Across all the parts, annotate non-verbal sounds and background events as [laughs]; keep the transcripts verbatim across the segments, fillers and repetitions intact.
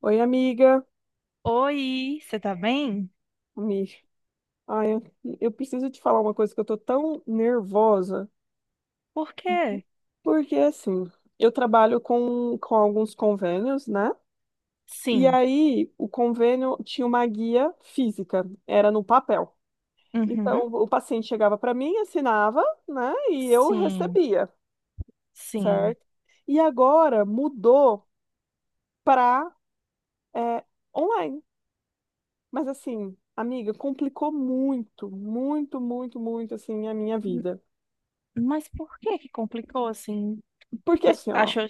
Oi, amiga. Oi, você tá bem? Ami. Ai, eu, eu preciso te falar uma coisa que eu tô tão nervosa, Por quê? porque assim, eu trabalho com, com alguns convênios, né? E Sim. aí, o convênio tinha uma guia física, era no papel. Uhum. Então, o paciente chegava para mim, assinava, né? E eu Sim. recebia, Sim. certo? E agora mudou para online. Mas assim, amiga, complicou muito, muito, muito, muito assim a minha M- vida. Mas por que que complicou assim? Porque Pe- assim, ó, Achou?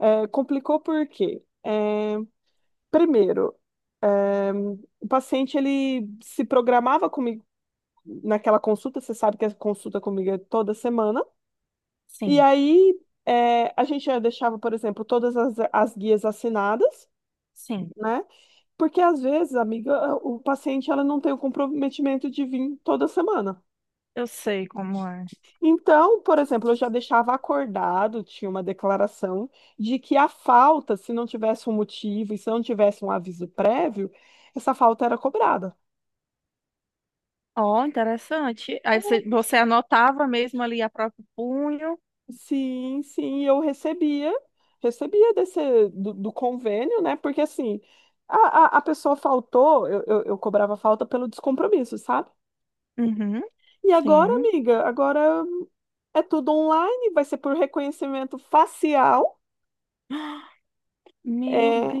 É, complicou por quê? É, primeiro, é, o paciente ele se programava comigo naquela consulta, você sabe que a consulta comigo é toda semana, e Sim. aí é, a gente já deixava, por exemplo, todas as, as guias assinadas, Sim. né? Porque às vezes, amiga, o paciente ela não tem o comprometimento de vir toda semana. Eu sei como é. Então, por exemplo, eu já deixava acordado, tinha uma declaração de que a falta, se não tivesse um motivo e se não tivesse um aviso prévio, essa falta era cobrada. Ó, interessante. Aí você, você anotava mesmo ali a próprio punho? Sim, sim, eu recebia, recebia desse, do, do convênio, né? Porque assim, a, a, a pessoa faltou, eu, eu, eu cobrava falta pelo descompromisso, sabe? Uhum. E agora, Sim. amiga, agora é tudo online, vai ser por reconhecimento facial. [gasps] Meu É,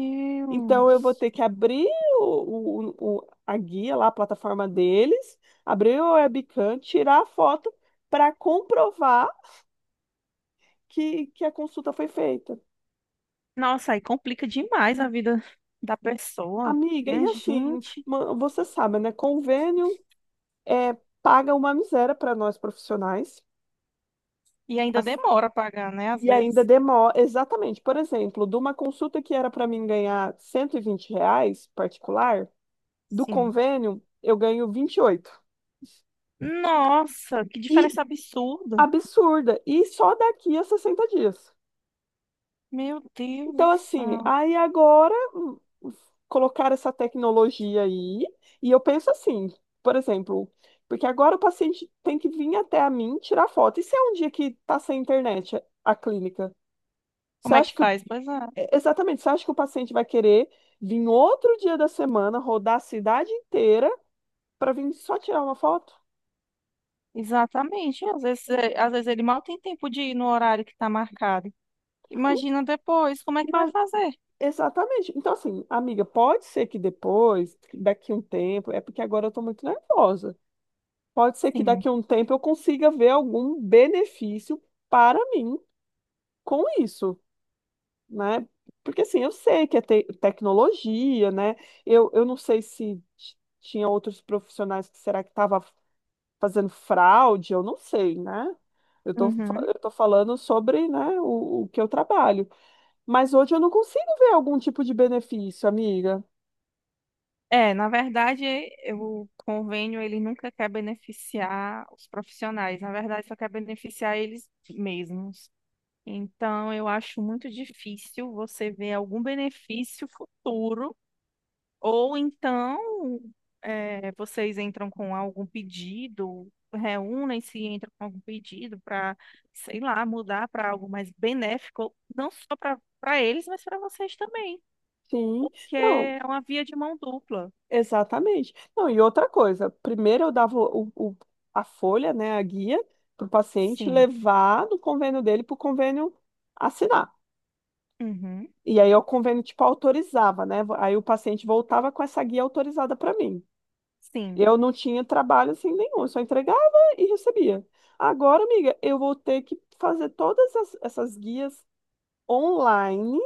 então eu vou ter que abrir o, o- o- a guia lá, a plataforma deles, abrir o webcam, tirar a foto para comprovar que, que a consulta foi feita. Nossa, aí complica demais a vida da pessoa. Amiga, e Minha assim, gente. ma- você sabe, né? Convênio é, paga uma miséria para nós profissionais E ainda as- demora a pagar, né? Às e ainda vezes. demora. Exatamente, por exemplo, de uma consulta que era para mim ganhar cento e vinte reais particular, do Sim. convênio eu ganho vinte e oito. Nossa, que diferença absurda. Absurda. E só daqui a sessenta dias. Meu Deus do Então, assim, céu. aí agora hum, colocar essa tecnologia aí, e eu penso assim, por exemplo, porque agora o paciente tem que vir até a mim tirar foto. E se é um dia que tá sem internet a a clínica? Você Como é acha que que, o- faz? Pois é, é, exatamente, você acha que o paciente vai querer vir outro dia da semana, rodar a cidade inteira para vir só tirar uma foto? exatamente. Às vezes, é, às vezes ele mal tem tempo de ir no horário que está marcado. Imagina depois, como é que vai fazer? Exatamente. Então, assim, amiga, pode ser que depois, daqui um tempo, é porque agora eu estou muito nervosa. Pode ser que Sim. daqui a um tempo eu consiga ver algum benefício para mim com isso, né? Porque, assim, eu sei que é te- tecnologia, né? Eu, eu não sei se t- tinha outros profissionais que será que estava fazendo fraude, eu não sei, né? Eu tô, fa- Uhum. eu tô falando sobre, né, o, o que eu trabalho. Mas hoje eu não consigo ver algum tipo de benefício, amiga. É, na verdade, é, o convênio ele nunca quer beneficiar os profissionais. Na verdade, só quer beneficiar eles mesmos. Então, eu acho muito difícil você ver algum benefício futuro. Ou então, eh, vocês entram com algum pedido, reúnem-se e entram com algum pedido para, sei lá, mudar para algo mais benéfico, não só para para eles, mas para vocês também, Sim, porque não, é uma via de mão dupla. exatamente. Não, e outra coisa, primeiro eu dava o, o- a folha, né, a guia, para o paciente Sim. levar do convênio dele para o convênio assinar. Uhum. E aí o convênio, tipo, autorizava, né? Aí o paciente voltava com essa guia autorizada para mim. Sim, Eu não tinha trabalho assim nenhum, eu só entregava e recebia. Agora, amiga, eu vou ter que fazer todas as- essas guias online,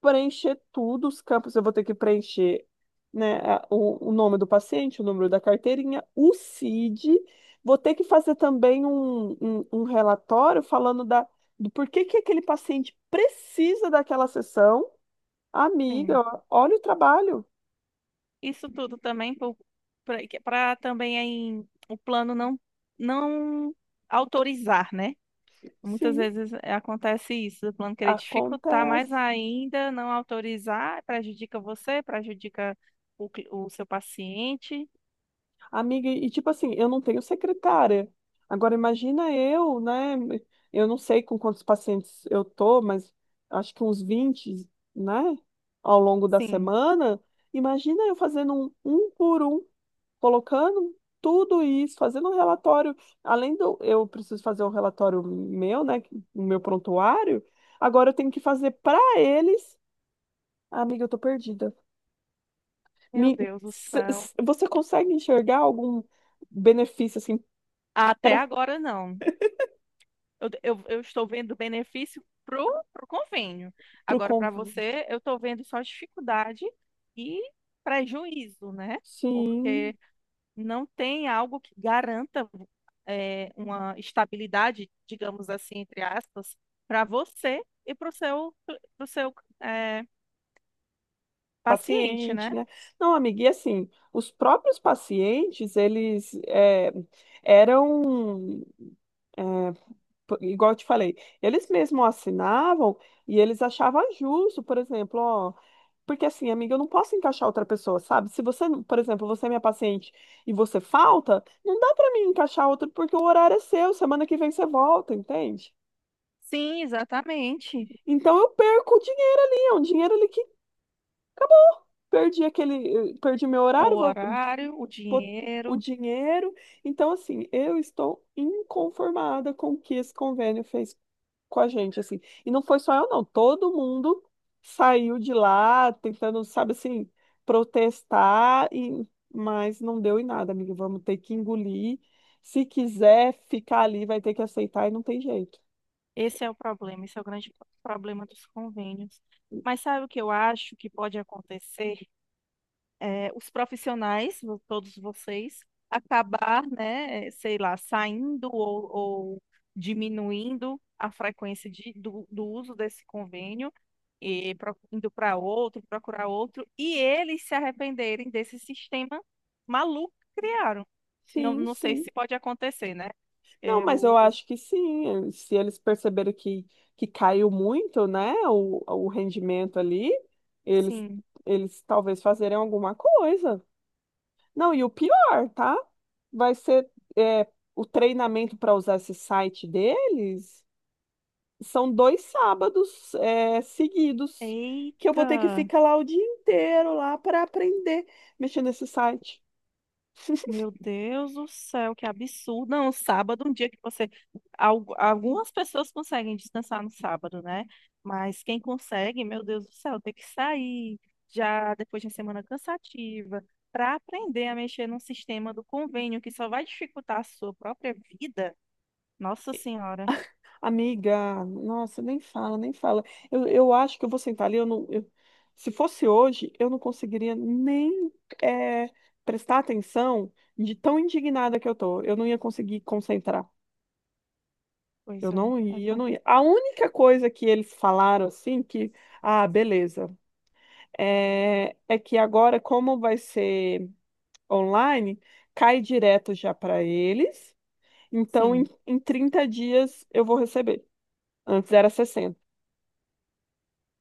preencher tudo, os campos eu vou ter que preencher, né, a- o, o nome do paciente, o número da carteirinha, o C I D, vou ter que fazer também um, um, um relatório falando da, do porquê que aquele paciente precisa daquela sessão. sim. Amiga, olha o trabalho. Isso tudo também para também aí, o plano não não autorizar, né? Muitas Sim, vezes é, acontece isso, do plano querer dificultar mais acontece. ainda, não autorizar, prejudica você, prejudica o, cli- o seu paciente. Amiga, e tipo assim, eu não tenho secretária. Agora imagina eu, né? Eu não sei com quantos pacientes eu tô, mas acho que uns vinte, né? Ao longo da Sim. semana. Imagina eu fazendo um, um por um, colocando tudo isso, fazendo um relatório. Além do eu preciso fazer o relatório meu, né? O meu prontuário. Agora eu tenho que fazer para eles. Amiga, eu tô perdida. Meu Me, Deus do se- céu. se- você consegue enxergar algum benefício assim? Até Para agora não. Eu, eu, eu estou vendo benefício pro, pro convênio. o Agora, para convívio. você, eu estou vendo só dificuldade e prejuízo, né? Sim, Porque não tem algo que garanta é, uma estabilidade, digamos assim, entre aspas, para você e para o seu, pro seu é, paciente, paciente, né? né? Não, amiga, e assim, os próprios pacientes, eles é, eram, é, p- igual eu te falei, eles mesmos assinavam e eles achavam justo, por exemplo, ó, porque assim, amiga, eu não posso encaixar outra pessoa, sabe? Se você, por exemplo, você é minha paciente e você falta, não dá para mim encaixar outro porque o horário é seu, semana que vem você volta, entende? Sim, exatamente. Então eu perco o dinheiro ali, é um dinheiro ali que perdi aquele, perdi meu O horário, vou, horário, o vou- o dinheiro, dinheiro. Então, assim, eu estou inconformada com o que esse convênio fez com a gente, assim. E não foi só eu, não. Todo mundo saiu de lá tentando, sabe assim, protestar, e, mas não deu em nada, amiga. Vamos ter que engolir. Se quiser ficar ali, vai ter que aceitar e não tem jeito. esse é o problema, esse é o grande problema dos convênios. Mas sabe o que eu acho que pode acontecer? É, os profissionais, vo- todos vocês, acabar, né, eh, sei lá, saindo ou, ou diminuindo a frequência de, do, do uso desse convênio, e pro- indo para outro, procurar outro, e eles se arrependerem desse sistema maluco que criaram. Não, Sim, não sei sim. se pode acontecer, né? Não, mas eu Eu, eu acho que sim. eh, Se eles perceberam que, que caiu muito, né, o, o rendimento ali, eles, sim. eles talvez fazerem alguma coisa. Não, e o pior, tá? Vai ser é, o treinamento para usar esse site deles. São dois sábados é, seguidos que eu vou ter que Eita! ficar lá o dia inteiro lá para aprender mexendo nesse site. Meu Deus do céu, que absurdo. Não, o sábado, é um dia que você. algu- Algumas pessoas conseguem descansar no sábado, né? Mas quem consegue, meu Deus do céu, tem que sair já depois de uma semana cansativa para aprender a mexer num sistema do convênio que só vai dificultar a sua própria vida. Nossa Senhora. Amiga, nossa, nem fala, nem fala. Eu, eu acho que eu vou sentar ali. Eu não, eu- se fosse hoje, eu não conseguiria nem é, prestar atenção de tão indignada que eu tô. Eu não ia conseguir concentrar. Pois Eu é. não é ia, eu fa- não ia. A única coisa que eles falaram assim que, ah, beleza, é, é que agora como vai ser online, cai direto já para eles. Então em, Sim. em trinta dias eu vou receber. Antes era sessenta.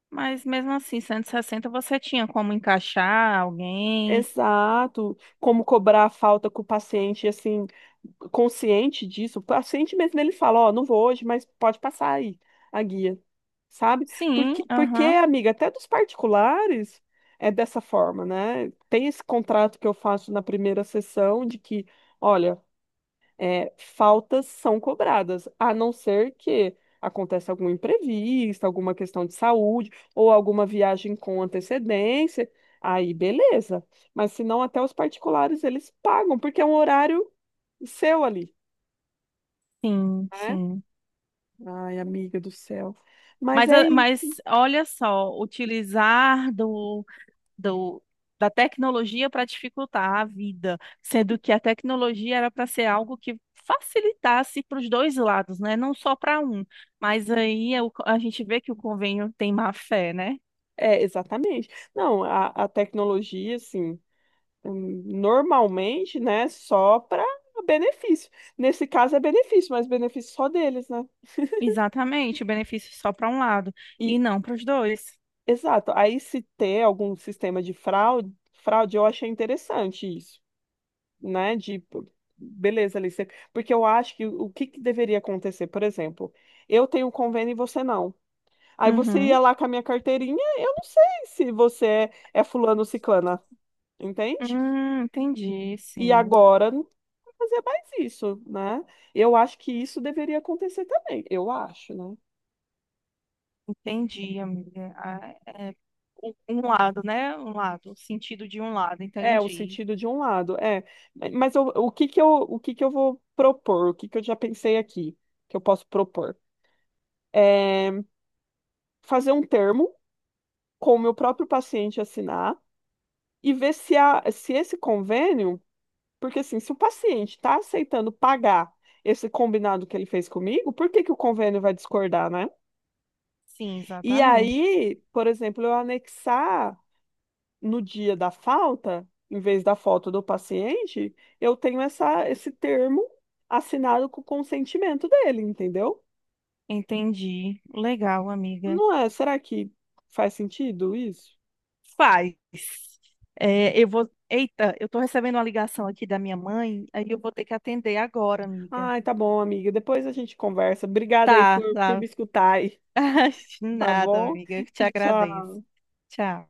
Mas mesmo assim, cento e sessenta você tinha como encaixar alguém? Exato. Como cobrar a falta com o paciente, assim, consciente disso. O paciente mesmo, ele fala, ó, não vou hoje, mas pode passar aí a guia, sabe? Porque, Sim, porque, aham. amiga, até dos particulares é dessa forma, né? Tem esse contrato que eu faço na primeira sessão de que, olha, é, faltas são cobradas, a não ser que aconteça algum imprevisto, alguma questão de saúde ou alguma viagem com antecedência, aí beleza. Mas se não, até os particulares eles pagam, porque é um horário seu ali, Sim, né? sim. Ai, amiga do céu. Mas Mas, é a- mas isso. olha só, utilizar do, do, da tecnologia para dificultar a vida, sendo que a tecnologia era para ser algo que facilitasse para os dois lados, né? Não só para um. Mas aí é o- a gente vê que o convênio tem má fé, né? É, exatamente. Não, a, a tecnologia, assim, hum, normalmente, né, só para benefício. Nesse caso é benefício, mas benefício só deles, né? Exatamente, o benefício só para um lado E, e não para os dois. exato, aí se ter algum sistema de fraude, fraude, eu achei interessante isso, né? De, beleza, ali, você- porque eu acho que o que que deveria acontecer, por exemplo, eu tenho um convênio e você não. Aí você Uhum. ia lá com a minha carteirinha, eu não sei se você é, é fulano ou ciclana, entende? Hum, entendi, E sim. agora não vai fazer mais isso, né? Eu acho que isso deveria acontecer também, eu acho, né? Entendi, amiga. Ah, é, um um lado, né? Um lado, o sentido de um lado, É, o entendi. sentido de um lado, é. Mas eu- o que que eu, o que que eu vou propor? O que que eu já pensei aqui que eu posso propor? É fazer um termo com o meu próprio paciente assinar e ver se, a, se esse convênio, porque assim, se o paciente está aceitando pagar esse combinado que ele fez comigo, por que que o convênio vai discordar, né? Sim, E exatamente. aí, por exemplo, eu anexar no dia da falta, em vez da foto do paciente, eu tenho essa, esse termo assinado com o consentimento dele, entendeu? Entendi. Legal, amiga. Não é? Será que faz sentido isso? Faz. É, eu vou. Eita, eu tô recebendo uma ligação aqui da minha mãe, aí eu vou ter que atender agora, amiga. Ai, tá bom, amiga. Depois a gente conversa. Obrigada aí Tá, por, por tá. me escutar aí, [laughs] tá Nada, bom? amiga. Eu que te E tchau. agradeço. Tchau.